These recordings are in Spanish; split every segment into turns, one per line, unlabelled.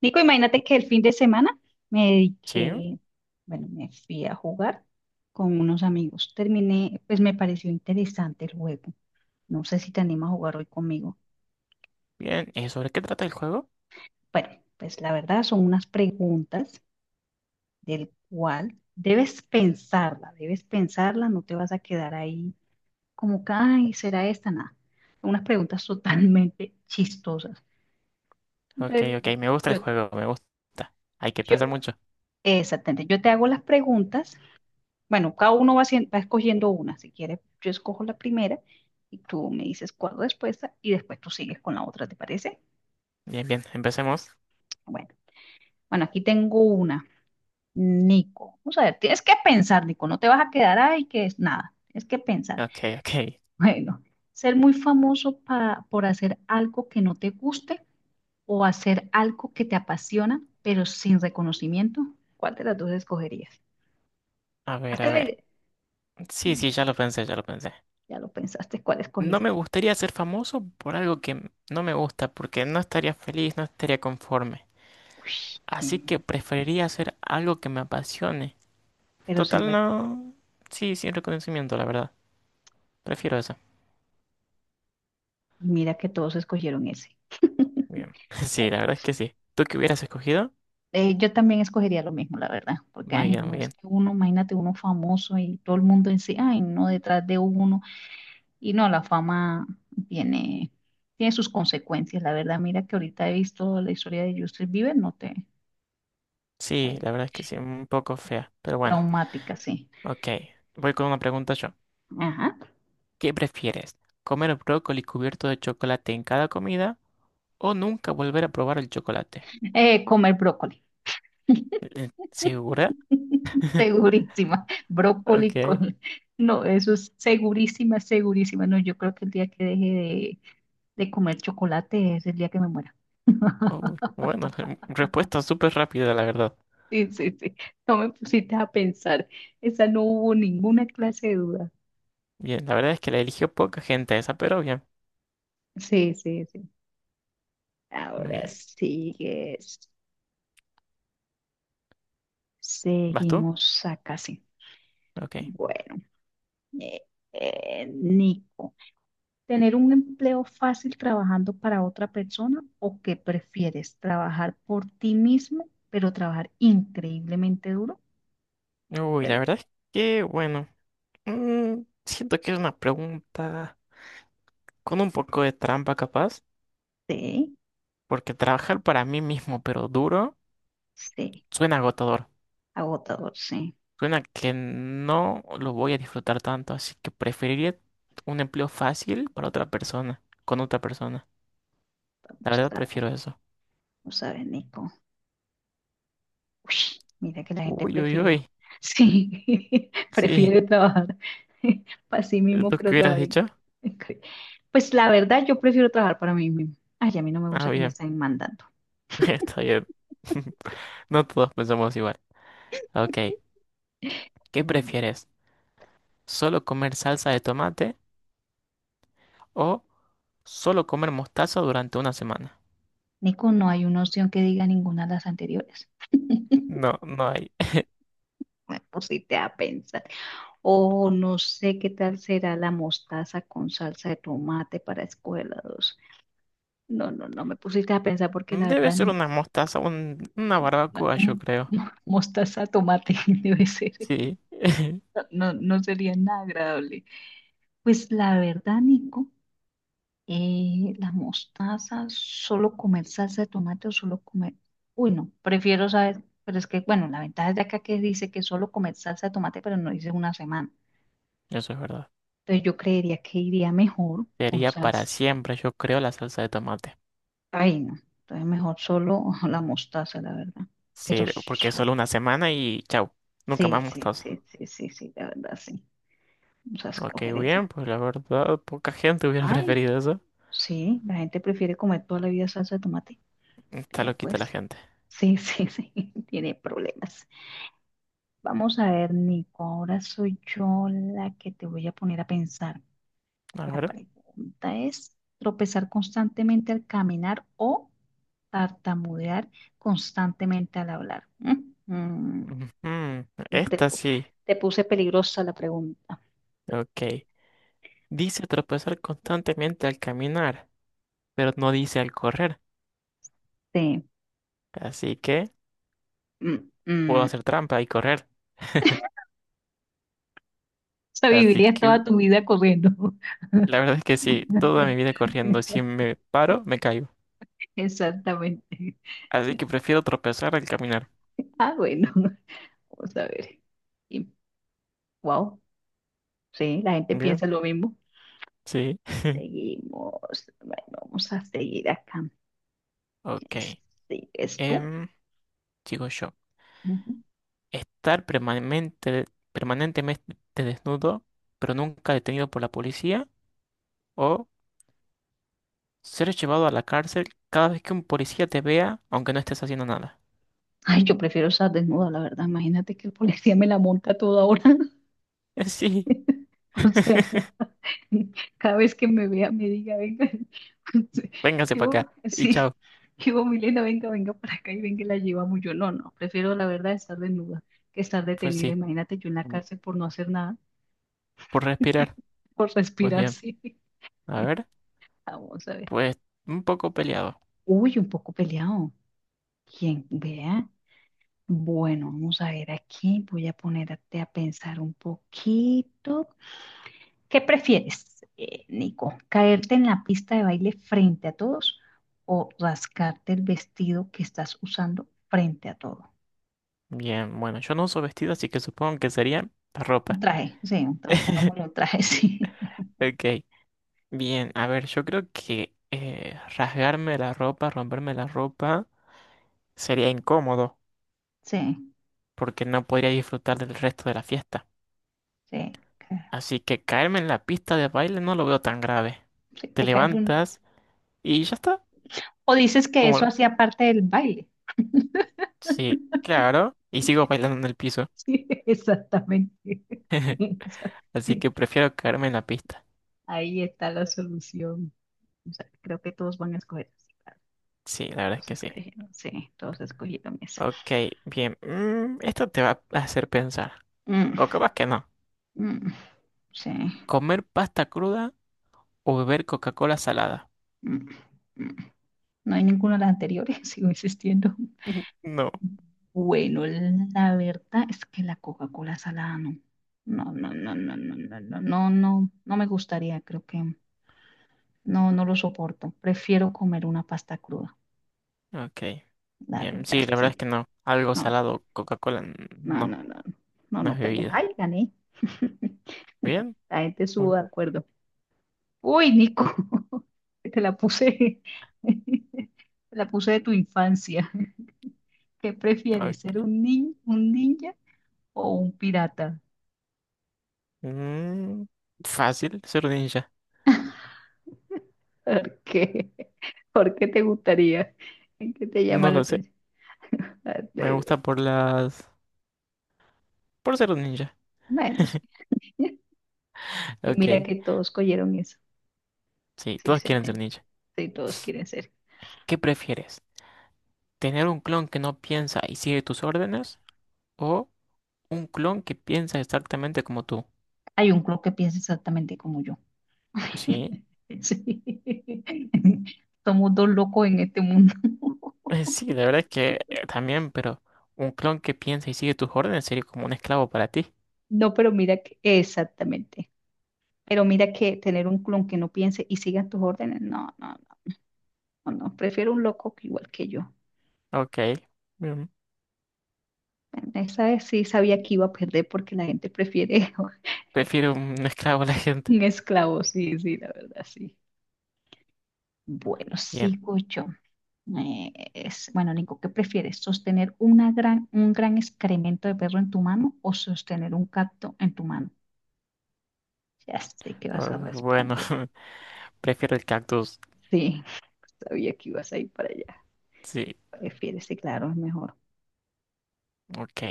Nico, imagínate que el fin de semana me
Sí,
dediqué, bueno, me fui a jugar con unos amigos. Terminé, pues me pareció interesante el juego. No sé si te animas a jugar hoy conmigo.
bien. ¿Y sobre qué trata el juego?
Bueno, pues la verdad son unas preguntas del cual debes pensarla, no te vas a quedar ahí como que, ay, será esta, nada. Unas preguntas totalmente chistosas.
Ok,
Entonces,
ok, me gusta
yo,
el juego, me gusta. Hay que
yo,
pensar mucho.
exactamente, yo te hago las preguntas. Bueno, cada uno va, haciendo, va escogiendo una. Si quieres, yo escojo la primera y tú me dices cuál respuesta y después tú sigues con la otra, ¿te parece?
Bien, bien, empecemos.
Bueno, bueno, aquí tengo una. Nico, o sea, tienes que pensar, Nico, no te vas a quedar ahí que es nada, tienes que pensar.
Ok, ok.
Bueno, ser muy famoso por hacer algo que no te guste o hacer algo que te apasiona, pero sin reconocimiento, ¿cuál de las dos escogerías?
A ver,
Hazte
a
la
ver.
idea.
Sí, sí, ya lo pensé, ya lo pensé.
Ya lo pensaste, ¿cuál
No me
escogiste?
gustaría ser famoso por algo que no me gusta, porque no estaría feliz, no estaría conforme. Así que
Uy,
preferiría hacer algo que me apasione.
pero sin
Total,
rec-
no. Sí, sin reconocimiento, la verdad. Prefiero eso.
mira que todos escogieron ese.
Bien. Sí,
Bueno,
la verdad es que sí. ¿Tú qué hubieras escogido?
yo también escogería lo mismo, la verdad, porque,
Muy
ay,
bien,
no,
muy
es
bien.
que uno, imagínate uno famoso y todo el mundo en sí, ay, no, detrás de uno, y no, la fama tiene, tiene sus consecuencias, la verdad, mira que ahorita he visto la historia de Justin Bieber, no te,
Sí,
eh,
la verdad es que sí, un poco fea, pero bueno.
traumática, sí.
Ok, voy con una pregunta yo.
Ajá.
¿Qué prefieres? ¿Comer brócoli cubierto de chocolate en cada comida o nunca volver a probar el chocolate?
Comer brócoli,
¿Segura?
segurísima,
Ok.
brócoli con, no, eso es segurísima, segurísima, no, yo creo que el día que deje de comer chocolate, es el día que me muera.
Uy, bueno, respuesta súper rápida, la verdad.
Sí, sí, sí. No me pusiste a pensar. Esa no hubo ninguna clase de duda.
Bien, la verdad es que la eligió poca gente esa, pero bien.
Sí, sí, sí.
Muy
Ahora
bien.
sigues.
¿Vas tú?
Seguimos acá, sí.
Ok.
Bueno, eh, Nico, ¿tener un empleo fácil trabajando para otra persona o qué prefieres? ¿Trabajar por ti mismo, pero trabajar increíblemente duro?
Uy, la
Pero-
verdad es que, bueno, siento que es una pregunta con un poco de trampa capaz,
Sí,
porque trabajar para mí mismo, pero duro,
sí,
suena agotador.
agotador, sí.
Suena que no lo voy a disfrutar tanto, así que preferiría un empleo fácil para otra persona, con otra persona. La
Vamos
verdad
a ver,
prefiero eso.
vamos a ver, Nico. Uy, mira que la gente
Uy, uy,
prefirió.
uy.
Sí,
Sí,
prefiere trabajar para sí mismo,
¿tú
pero
qué hubieras
trabajar.
dicho?
En cre- Pues la verdad, yo prefiero trabajar para mí mismo. Ay, a mí no me gusta
Ah,
que me
bien,
estén mandando.
está bien. No todos pensamos igual. Ok, ¿qué
Mm.
prefieres? ¿Solo comer salsa de tomate o solo comer mostaza durante una semana?
Nico, no hay una opción que diga ninguna de las anteriores.
No, no hay.
Me pusiste a pensar. O no sé qué tal será la mostaza con salsa de tomate para escuela 2. No, no, no me pusiste a pensar porque la
Debe
verdad
ser
ni
una mostaza, una
la-
barbacoa, yo
mm,
creo.
mostaza tomate debe ser.
Sí,
No, no sería nada agradable. Pues la verdad, Nico, la mostaza, solo comer salsa de tomate o solo comer. Uy, no, prefiero saber, pero es que, bueno, la ventaja de acá que dice que solo comer salsa de tomate, pero no dice una semana.
eso es verdad.
Entonces yo creería que iría mejor con
Sería para
salsa.
siempre, yo creo, la salsa de tomate.
Ay, no. Entonces mejor solo la mostaza, la verdad. Pero
Sí, porque es
so-
solo una semana y chau, nunca
sí,
más
sí,
mostaza.
sí, sí, sí, sí, la verdad, sí. Vamos a
Ok,
escoger
bien,
esa.
pues la verdad, poca gente hubiera
Ay,
preferido eso.
sí, la gente prefiere comer toda la vida salsa de tomate.
Está
Ya
loquita
pues,
la gente.
sí, sí, sí, tiene problemas. Vamos a ver, Nico, ahora soy yo la que te voy a poner a pensar.
A
La
ver.
pregunta es, ¿tropezar constantemente al caminar o tartamudear constantemente al hablar? Mm,
Ujú,
te,
esta
pu-
sí.
te puse peligrosa la pregunta.
Ok. Dice tropezar constantemente al caminar, pero no dice al correr.
Sí.
Así que
mm,
puedo
mm. O
hacer trampa y correr.
sea,
Así
vivirías
que
toda tu vida corriendo.
la verdad es que sí, toda mi vida corriendo, si me paro, me caigo.
Exactamente.
Así que prefiero tropezar al caminar.
Ah, bueno, vamos a ver. Wow. Sí, la gente
Bien,
piensa lo mismo.
sí.
Seguimos. Bueno, vamos a seguir acá.
Ok.
¿Es tú?
em, Sigo yo.
Ujú.
Estar permanente, permanentemente desnudo, pero nunca detenido por la policía. O ser llevado a la cárcel cada vez que un policía te vea, aunque no estés haciendo nada.
Ay, yo prefiero estar desnuda, la verdad. Imagínate que el policía me la monta a toda hora.
Sí,
O sea, cada vez que me vea, me diga, venga,
véngase para
yo,
acá. Y
sí,
chao.
yo, Milena, venga, venga para acá y venga, y la llevamos. Yo no, no, prefiero la verdad estar desnuda que estar
Pues
detenida.
sí.
Imagínate yo en la
Mm,
cárcel por no hacer nada,
por respirar.
por
Pues
respirar,
bien.
sí.
A ver.
Vamos a ver.
Pues un poco peleado.
Uy, un poco peleado. Quien vea. Bueno, vamos a ver aquí. Voy a ponerte a pensar un poquito. ¿Qué prefieres, Nico? ¿Caerte en la pista de baile frente a todos o rascarte el vestido que estás usando frente a todo?
Bien, bueno, yo no uso vestido, así que supongo que sería la
Un
ropa.
traje, sí, un traje, pongámosle un traje, sí.
Ok. Bien, a ver, yo creo que rasgarme la ropa, romperme la ropa, sería incómodo,
Sí,
porque no podría disfrutar del resto de la fiesta.
sí, claro.
Así que caerme en la pista de baile no lo veo tan grave.
Sí,
Te
te caes un...
levantas y ya está.
O dices que
Como,
eso hacía parte del baile.
sí, claro, y sigo bailando en el piso.
Sí, exactamente.
Así que prefiero caerme en la pista.
Ahí está la solución. O sea, creo que todos van a escoger, sí, claro.
Sí, la verdad es
Todos
que sí.
escogieron, sí, todos escogieron esa.
Ok, bien. Mm, esto te va a hacer pensar.
Mm,
O capaz que no.
mm, sí.
¿Comer pasta cruda o beber Coca-Cola salada?
Mm, mm. No hay ninguna de las anteriores, sigo insistiendo.
No.
Bueno, la verdad es que la Coca-Cola salada no. No, no, no, no, no, no, no, no, no, no me gustaría, creo que no, no lo soporto. Prefiero comer una pasta cruda,
Ok.
la
Bien,
verdad,
sí, la verdad es
sí.
que no. Algo
No,
salado, Coca-Cola,
no,
no,
no, no, no, no,
no es
no pega.
bebida.
Ay, gané.
Bien,
La gente
muy
estuvo de
bien.
acuerdo. Uy, Nico, te la puse, te la puse de tu infancia. ¿Qué prefieres, ser
Ok.
un ninja o un pirata?
Mm, fácil, ser un ninja.
¿Por qué? ¿Por qué te gustaría? ¿Qué te llama
No
la
lo sé.
atención?
Me gusta por las... por ser un ninja.
Bueno, sí. Y
Ok.
mira que todos cogieron eso.
Sí,
Sí,
todos
se
quieren ser
entendió.
ninja.
Sí, todos quieren ser.
¿Qué prefieres? ¿Tener un clon que no piensa y sigue tus órdenes? ¿O un clon que piensa exactamente como tú?
Hay un club que piensa exactamente como yo.
Sí.
Sí. Somos dos locos en este mundo.
Sí, la verdad es que también, pero un clon que piensa y sigue tus órdenes sería como un esclavo para ti.
No, pero mira que, exactamente. Pero mira que tener un clon que no piense y siga tus órdenes, no, no, no, no. Prefiero un loco que igual que yo.
Ok.
Esa vez sí sabía que iba a perder porque la gente prefiere
Prefiero un esclavo a la gente.
un esclavo, sí, sí, la verdad, sí. Bueno,
Bien.
sigo yo. Bueno, Nico, ¿qué prefieres? ¿Sostener una gran, un gran excremento de perro en tu mano o sostener un gato en tu mano? Ya sé que vas
Ah,
a
bueno,
responder.
prefiero el cactus.
Sí, sabía que ibas a ir para allá.
Sí,
Prefieres, sí, claro, es mejor.
ok.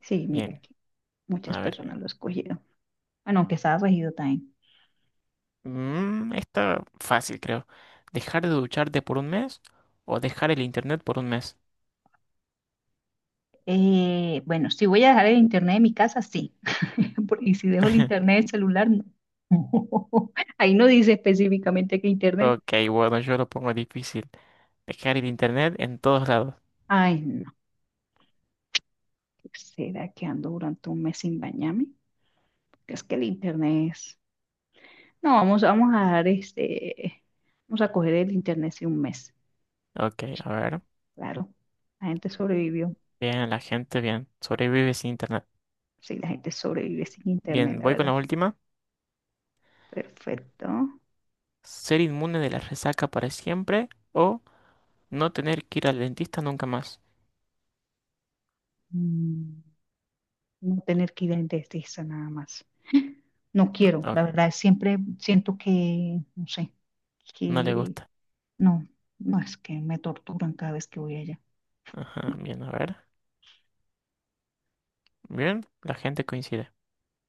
Sí, mira
Bien.
que muchas
A ver.
personas lo escogieron. Bueno, aunque estaba regido también.
Mm, está fácil, creo. ¿Dejar de ducharte por un mes o dejar el internet por un mes?
Bueno, si voy a dejar el internet de mi casa, sí. Y si dejo el internet del celular, no. Ahí no dice específicamente que internet.
Ok, bueno, yo lo pongo difícil. Dejar el internet en todos lados.
Ay, no. ¿Será que ando durante un mes sin bañarme? Porque es que el internet es... No, vamos, vamos a dar este... Vamos a coger el internet sí un mes.
Ok, a ver.
Claro, la gente sobrevivió.
Bien, la gente, bien. Sobrevive sin internet.
Sí, la gente sobrevive sin internet,
Bien,
la
voy con la
verdad.
última.
Perfecto.
¿Ser inmune de la resaca para siempre o no tener que ir al dentista nunca más?
Mm, No tener que ir a un dentista nada más. No quiero, la
Ok,
verdad, siempre siento que, no sé,
no le
que
gusta.
no, no es que me torturan cada vez que voy allá.
Ajá, bien, a ver. Bien, la gente coincide.